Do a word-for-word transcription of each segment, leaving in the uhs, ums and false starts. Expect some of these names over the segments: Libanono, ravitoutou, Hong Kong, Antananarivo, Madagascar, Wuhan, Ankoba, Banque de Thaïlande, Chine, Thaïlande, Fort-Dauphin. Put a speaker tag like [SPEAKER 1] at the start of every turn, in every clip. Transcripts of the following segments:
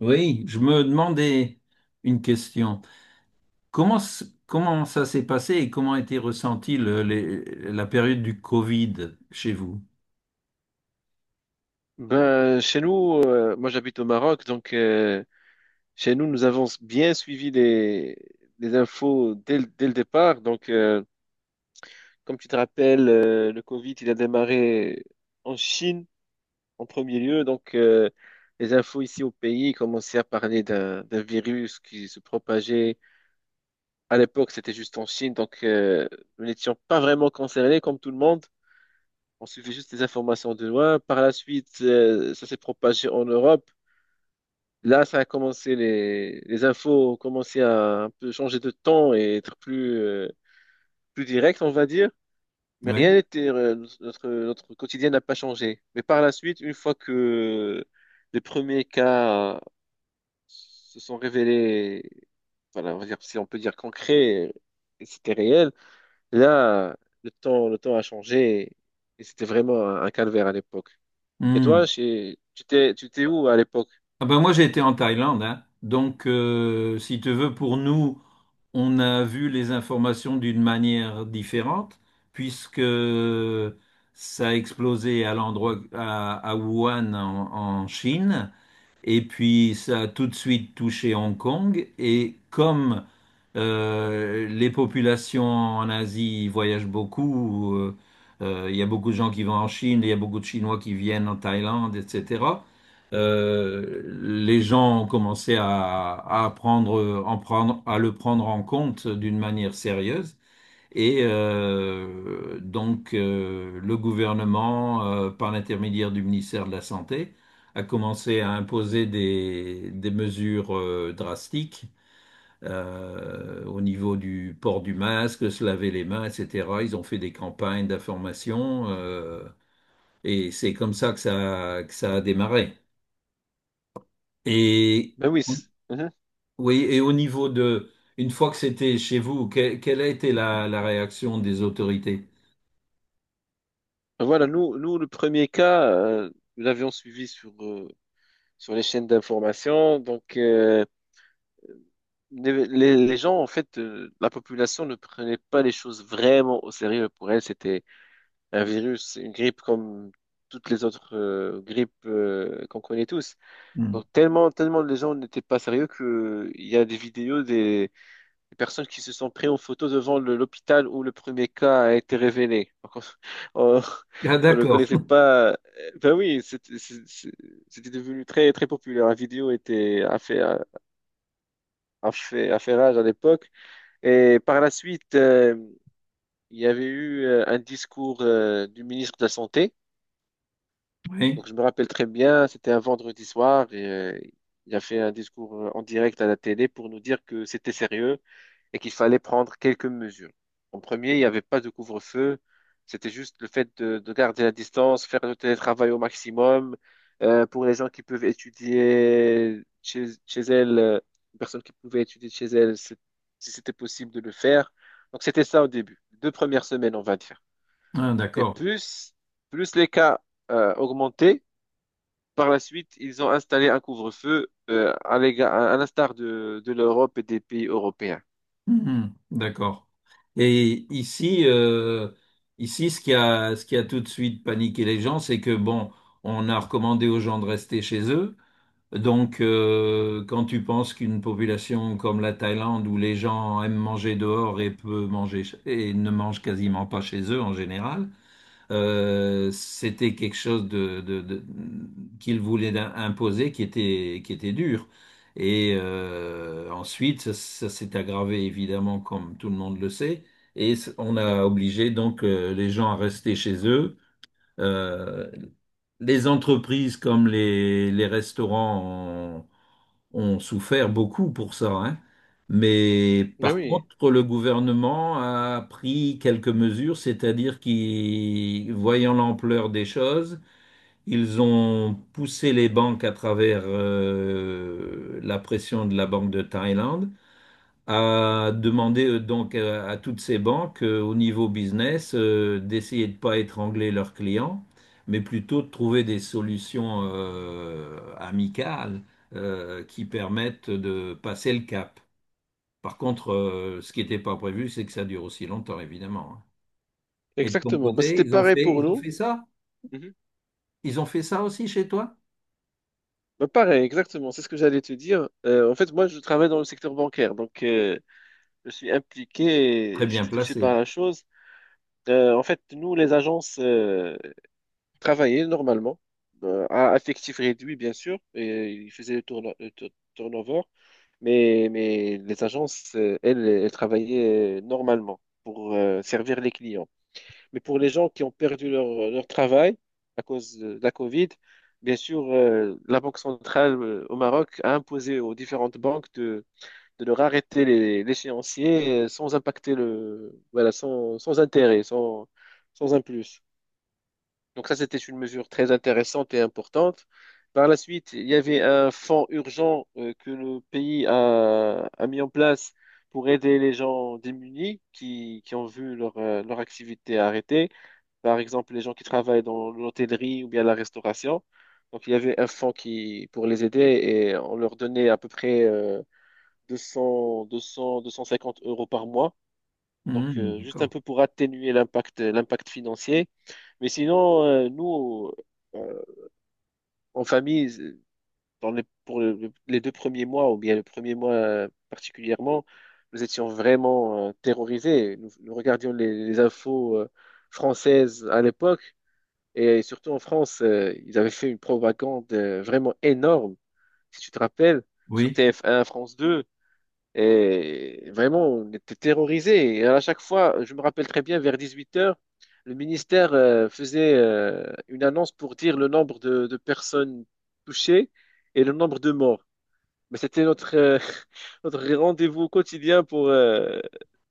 [SPEAKER 1] Oui, je me demandais une question. Comment, s- comment ça s'est passé et comment a été ressentie le- les- la période du Covid chez vous?
[SPEAKER 2] Ben, chez nous, euh, moi j'habite au Maroc, donc euh, chez nous, nous avons bien suivi les, les infos dès, le dès le départ. Donc, euh, comme tu te rappelles, euh, le Covid, il a démarré en Chine en premier lieu. Donc, euh, les infos ici au pays commençaient à parler d'un d'un virus qui se propageait. À l'époque, c'était juste en Chine, donc euh, nous n'étions pas vraiment concernés comme tout le monde. On suivait juste les informations de loin. Par la suite, euh, ça s'est propagé en Europe. Là, ça a commencé, les, les infos ont commencé à un peu changer de ton et être plus, euh, plus direct, on va dire. Mais
[SPEAKER 1] Oui.
[SPEAKER 2] rien n'était, euh, notre, notre quotidien n'a pas changé. Mais par la suite, une fois que les premiers cas se sont révélés, voilà, on va dire, si on peut dire concret, et c'était réel, là, le temps, le temps a changé et c'était vraiment un, un calvaire à l'époque. Et
[SPEAKER 1] Hmm.
[SPEAKER 2] toi, chez- tu t'es, tu t'es où à l'époque?
[SPEAKER 1] Ah ben moi j'ai été en Thaïlande, hein. Donc euh, si tu veux, pour nous, on a vu les informations d'une manière différente, puisque ça a explosé à l'endroit à, à Wuhan en, en Chine, et puis ça a tout de suite touché Hong Kong, et comme Euh, les populations en Asie voyagent beaucoup. euh, euh, Il y a beaucoup de gens qui vont en Chine, il y a beaucoup de Chinois qui viennent en Thaïlande, et cetera. Euh, les gens ont commencé à, à prendre, en prendre, à le prendre en compte d'une manière sérieuse. Et euh, donc, euh, le gouvernement, euh, par l'intermédiaire du ministère de la Santé, a commencé à imposer des, des mesures euh, drastiques euh, au niveau du port du masque, se laver les mains, et cetera. Ils ont fait des campagnes d'information euh, et c'est comme ça que ça, que ça a démarré. Et
[SPEAKER 2] Ben oui.
[SPEAKER 1] oui, et au niveau de, une fois que c'était chez vous, que- quelle a été la, la réaction des autorités?
[SPEAKER 2] Voilà, nous, nous, le premier cas, euh, nous l'avions suivi sur, euh, sur les chaînes d'information. Donc, euh, les, les- les gens, en fait, euh, la population ne prenait pas les choses vraiment au sérieux. Pour elle, c'était un virus, une grippe comme toutes les autres euh, grippes euh, qu'on connaît tous.
[SPEAKER 1] Hmm.
[SPEAKER 2] Donc, tellement, tellement les gens n'étaient pas sérieux qu'il y a des vidéos les personnes qui se sont prises en photo devant le- l'hôpital où le premier cas a été révélé. Donc, on,
[SPEAKER 1] Ah,
[SPEAKER 2] on ne
[SPEAKER 1] d'accord.
[SPEAKER 2] connaissait pas. euh, Ben oui, c'était c'est- c'est- c'était devenu très très populaire. La vidéo était a fait a fait a fait rage à l'époque. Et par la suite, euh, il y avait eu euh, un discours euh, du ministre de la Santé.
[SPEAKER 1] Oui.
[SPEAKER 2] Donc je me rappelle très bien, c'était un vendredi soir et euh, il a fait un discours euh, en direct à la télé pour nous dire que c'était sérieux et qu'il fallait prendre quelques mesures. En premier, il n'y avait pas de couvre-feu, c'était juste le fait de, de garder la distance, faire le télétravail au maximum. Euh, pour les gens qui peuvent étudier chez, chez elles, euh, les personnes qui pouvaient étudier chez elles, c'est- si c'était possible de le faire. Donc c'était ça au début, deux premières semaines, on va dire.
[SPEAKER 1] Ah,
[SPEAKER 2] Et
[SPEAKER 1] d'accord.
[SPEAKER 2] plus, plus les cas euh, augmentaient, par la suite, ils ont installé un couvre-feu euh, à l'éga- à l'instar de, de l'Europe et des pays européens.
[SPEAKER 1] Mhm. D'accord. Et ici, euh, ici, ce qui a, ce qui a tout de suite paniqué les gens, c'est que bon, on a recommandé aux gens de rester chez eux. Donc, euh, quand tu penses qu'une population comme la Thaïlande, où les gens aiment manger dehors et peu manger ch- et ne mangent quasiment pas chez eux en général, euh, c'était quelque chose de, de- de- qu'il voulait d'im- imposer qui était, qui était dur. Et euh, ensuite, ça, ça s'est aggravé évidemment, comme tout le monde le sait. Et c- on a obligé donc euh, les gens à rester chez eux. Euh, les entreprises comme les, les restaurants ont souffert beaucoup pour ça, hein. Mais
[SPEAKER 2] Ben
[SPEAKER 1] par
[SPEAKER 2] oui,
[SPEAKER 1] contre, le gouvernement a pris quelques mesures, c'est-à-dire qu'ils, voyant l'ampleur des choses, ils ont poussé les banques à travers euh, la pression de la Banque de Thaïlande à demander euh, donc euh, à toutes ces banques euh, au niveau business euh, d'essayer de ne pas étrangler leurs clients, mais plutôt de trouver des solutions euh, amicales euh, qui permettent de passer le cap. Par contre, euh, ce qui n'était pas prévu, c'est que ça dure aussi longtemps, évidemment, hein. Et de ton
[SPEAKER 2] exactement. Ben,
[SPEAKER 1] côté,
[SPEAKER 2] c'était
[SPEAKER 1] ils ont
[SPEAKER 2] pareil
[SPEAKER 1] fait,
[SPEAKER 2] pour
[SPEAKER 1] ils ont
[SPEAKER 2] nous.
[SPEAKER 1] fait ça?
[SPEAKER 2] Mhm.
[SPEAKER 1] Ils ont fait ça aussi chez toi?
[SPEAKER 2] Bah, pareil, exactement, c'est ce que j'allais te dire. Euh, en fait, moi, je travaille dans le secteur bancaire, donc euh, je suis impliqué,
[SPEAKER 1] Très
[SPEAKER 2] et
[SPEAKER 1] bien
[SPEAKER 2] j'étais touché
[SPEAKER 1] placé.
[SPEAKER 2] par la chose. Euh, en fait, nous, les agences, euh, travaillait normalement, euh, à effectif réduit bien sûr, et il faisait le, tourno- le tu- turnover, mais, mais les agences, euh, elles, elles travaillaient normalement pour euh, servir les clients. Mais pour les gens qui ont perdu leur, leur travail à cause de la Covid, bien sûr, euh, la Banque centrale euh, au Maroc a imposé aux différentes banques de, de leur arrêter les- l'échéancier euh, sans impacter le, voilà, sans, sans intérêt, sans, sans un plus. Donc ça, c'était une mesure très intéressante et importante. Par la suite, il y avait un fonds urgent euh, que le pays a, a mis en place pour aider les gens démunis qui, qui ont vu leur, euh, leur activité arrêtée. Par exemple, les gens qui travaillent dans l'hôtellerie ou bien la restauration. Donc il y avait un fonds qui, pour les aider et on leur donnait à peu près euh, deux cents, deux cents, deux cent cinquante euros par mois. Donc
[SPEAKER 1] Mhm,
[SPEAKER 2] euh, juste un
[SPEAKER 1] d'accord.
[SPEAKER 2] peu pour atténuer l'impact, l'impact financier. Mais sinon, euh, nous... euh, en famille, dans les, pour le- le- les deux premiers mois, ou bien le premier mois euh, particulièrement, nous étions vraiment euh, terrorisés. Nous, nous regardions les, les infos euh, françaises à l'époque, et surtout en France, euh, ils avaient fait une propagande euh, vraiment énorme, si tu te rappelles, sur
[SPEAKER 1] Oui.
[SPEAKER 2] T F un, France deux. Et vraiment, on était terrorisés. Et à chaque fois, je me rappelle très bien, vers dix-huit heures, le ministère euh, faisait euh, une annonce pour dire le nombre de, de personnes touchées et le nombre de morts. Mais c'était notre, euh, notre rendez-vous quotidien pour, euh,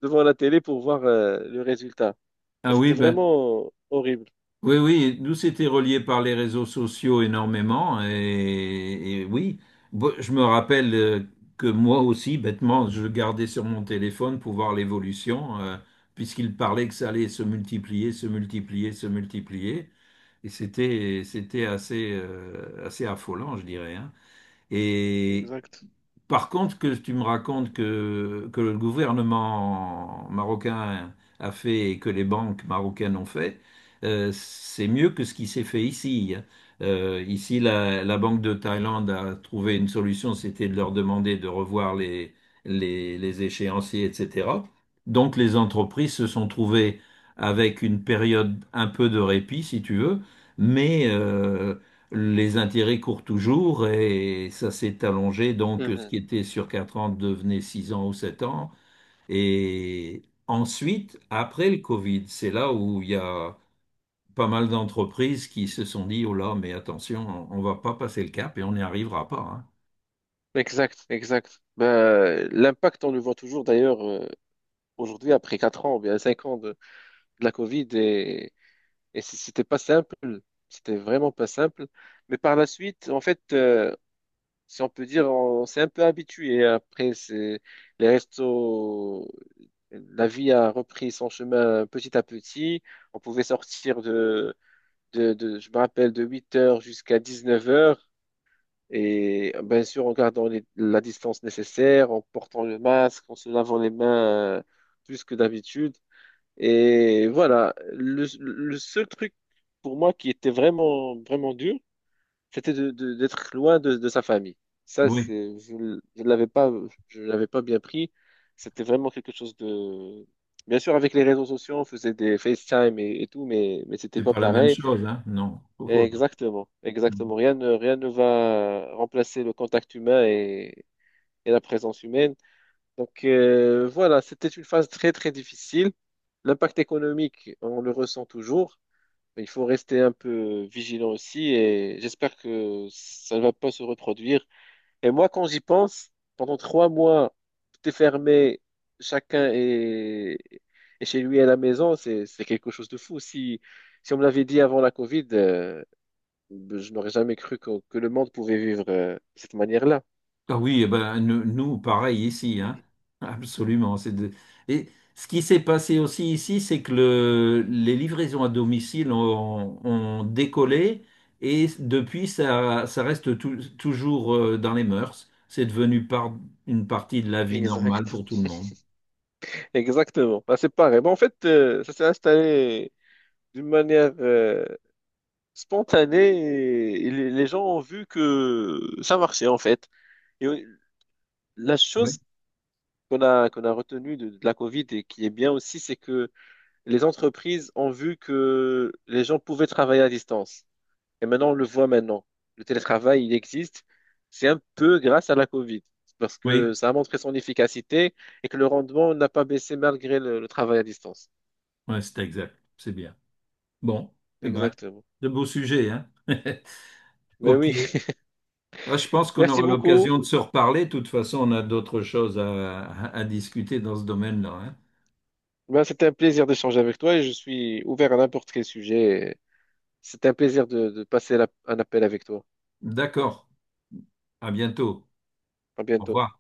[SPEAKER 2] devant la télé pour voir euh, le résultat.
[SPEAKER 1] Ah oui,
[SPEAKER 2] C'était
[SPEAKER 1] ben.
[SPEAKER 2] vraiment horrible.
[SPEAKER 1] Oui, oui, nous c'était relié par les réseaux sociaux énormément et, et, oui, Bo- je me rappelle euh, que moi aussi, bêtement, je gardais sur mon téléphone pour voir l'évolution, euh, puisqu'il parlait que ça allait se multiplier, se multiplier, se multiplier, et c'était c'était assez euh, assez affolant, je dirais, hein. Et
[SPEAKER 2] Exact.
[SPEAKER 1] par contre, que tu me racontes que, que le gouvernement marocain a fait et que les banques marocaines ont fait, euh, c'est mieux que ce qui s'est fait ici, hein. Euh, ici, la, la Banque de Thaïlande a trouvé une solution, c'était de leur demander de revoir les, les, les échéanciers, et cetera. Donc, les entreprises se sont trouvées avec une période un peu de répit, si tu veux, mais euh, les intérêts courent toujours et ça s'est allongé. Donc, ce
[SPEAKER 2] Mhm.
[SPEAKER 1] qui était sur quatre ans devenait six ans ou sept ans. Et ensuite, après le Covid, c'est là où il y a pas mal d'entreprises qui se sont dit, oh là, mais attention, on ne va pas passer le cap et on n'y arrivera pas, hein.
[SPEAKER 2] Exact, exact. Ben, l'impact, on le voit toujours d'ailleurs euh, aujourd'hui après quatre ans, ou bien cinq ans de, de la Covid. Et Et c- c'était pas simple, c'était vraiment pas simple. Mais par la suite, en fait, euh, si on peut dire, on s'est un peu habitué. Après, c'est les restos, la vie a repris son chemin petit à petit. On pouvait sortir de, de, de- je me rappelle, de 8 heures jusqu'à 19 heures. Et euh, bien sûr, en gardant les- la distance nécessaire, en portant le masque, en se lavant les mains euh, plus que d'habitude. Et voilà, le, le seul truc pour moi qui était vraiment, vraiment dur, c'était de, de- d'être loin de, de sa famille. Ça,
[SPEAKER 1] Oui,
[SPEAKER 2] c'est, je ne l'avais pas, je l'avais pas bien pris. C'était vraiment quelque chose de... Bien sûr, avec les réseaux sociaux, on faisait des FaceTime et, et tout, mais, mais c'était
[SPEAKER 1] c'est
[SPEAKER 2] pas
[SPEAKER 1] pas la même
[SPEAKER 2] pareil.
[SPEAKER 1] chose, hein? Non. Oh
[SPEAKER 2] Et
[SPEAKER 1] oh
[SPEAKER 2] exactement,
[SPEAKER 1] là.
[SPEAKER 2] exactement. Rien ne, rien ne va remplacer le contact humain et, et la présence humaine. Donc euh, voilà, c'était une phase très très difficile. L'impact économique, on le ressent toujours, mais il faut rester un peu vigilant aussi et j'espère que ça ne va pas se reproduire. Et moi, quand j'y pense, pendant trois mois, tout est fermé, chacun est, est chez lui à la maison, c'est c'est quelque chose de fou. Si, si on me l'avait dit avant la Covid, euh, je n'aurais jamais cru que, que le monde pouvait vivre euh, de cette manière-là.
[SPEAKER 1] Ah oui, eh ben, nous, nous, pareil ici, hein. Absolument. c'est de- Et ce qui s'est passé aussi ici, c'est que le- les livraisons à domicile ont, ont décollé et depuis, ça, ça reste tou- toujours euh, dans les mœurs. C'est devenu par- une partie de la vie normale
[SPEAKER 2] Exact.
[SPEAKER 1] pour tout le monde.
[SPEAKER 2] Exactement. Bah, c'est pareil. Bah, en fait, euh, ça s'est installé d'une manière euh, spontanée et, et les les gens ont vu que ça marchait en fait. Et euh, la
[SPEAKER 1] Oui.
[SPEAKER 2] chose qu'on a, qu'on a retenue de, de la Covid et qui est bien aussi, c'est que les entreprises ont vu que les gens pouvaient travailler à distance. Et maintenant, on le voit maintenant. Le télétravail, il existe. C'est un peu grâce à la Covid parce
[SPEAKER 1] Oui,
[SPEAKER 2] que ça a montré son efficacité et que le rendement n'a pas baissé malgré le le travail à distance.
[SPEAKER 1] ouais, c'est exact. C'est bien. Bon, eh ben,
[SPEAKER 2] Exactement.
[SPEAKER 1] de beaux sujets, hein.
[SPEAKER 2] Ben
[SPEAKER 1] Ok.
[SPEAKER 2] oui,
[SPEAKER 1] Ah, je pense qu'on
[SPEAKER 2] merci
[SPEAKER 1] aura
[SPEAKER 2] beaucoup.
[SPEAKER 1] l'occasion de se reparler. De toute façon, on a d'autres choses à, à- discuter dans ce domaine-là, hein.
[SPEAKER 2] Ben, c'était un plaisir d'échanger avec toi et je suis ouvert à n'importe quel sujet. C'est un plaisir de, de passer la- un appel avec toi.
[SPEAKER 1] D'accord. À bientôt.
[SPEAKER 2] À
[SPEAKER 1] Au
[SPEAKER 2] bientôt.
[SPEAKER 1] revoir.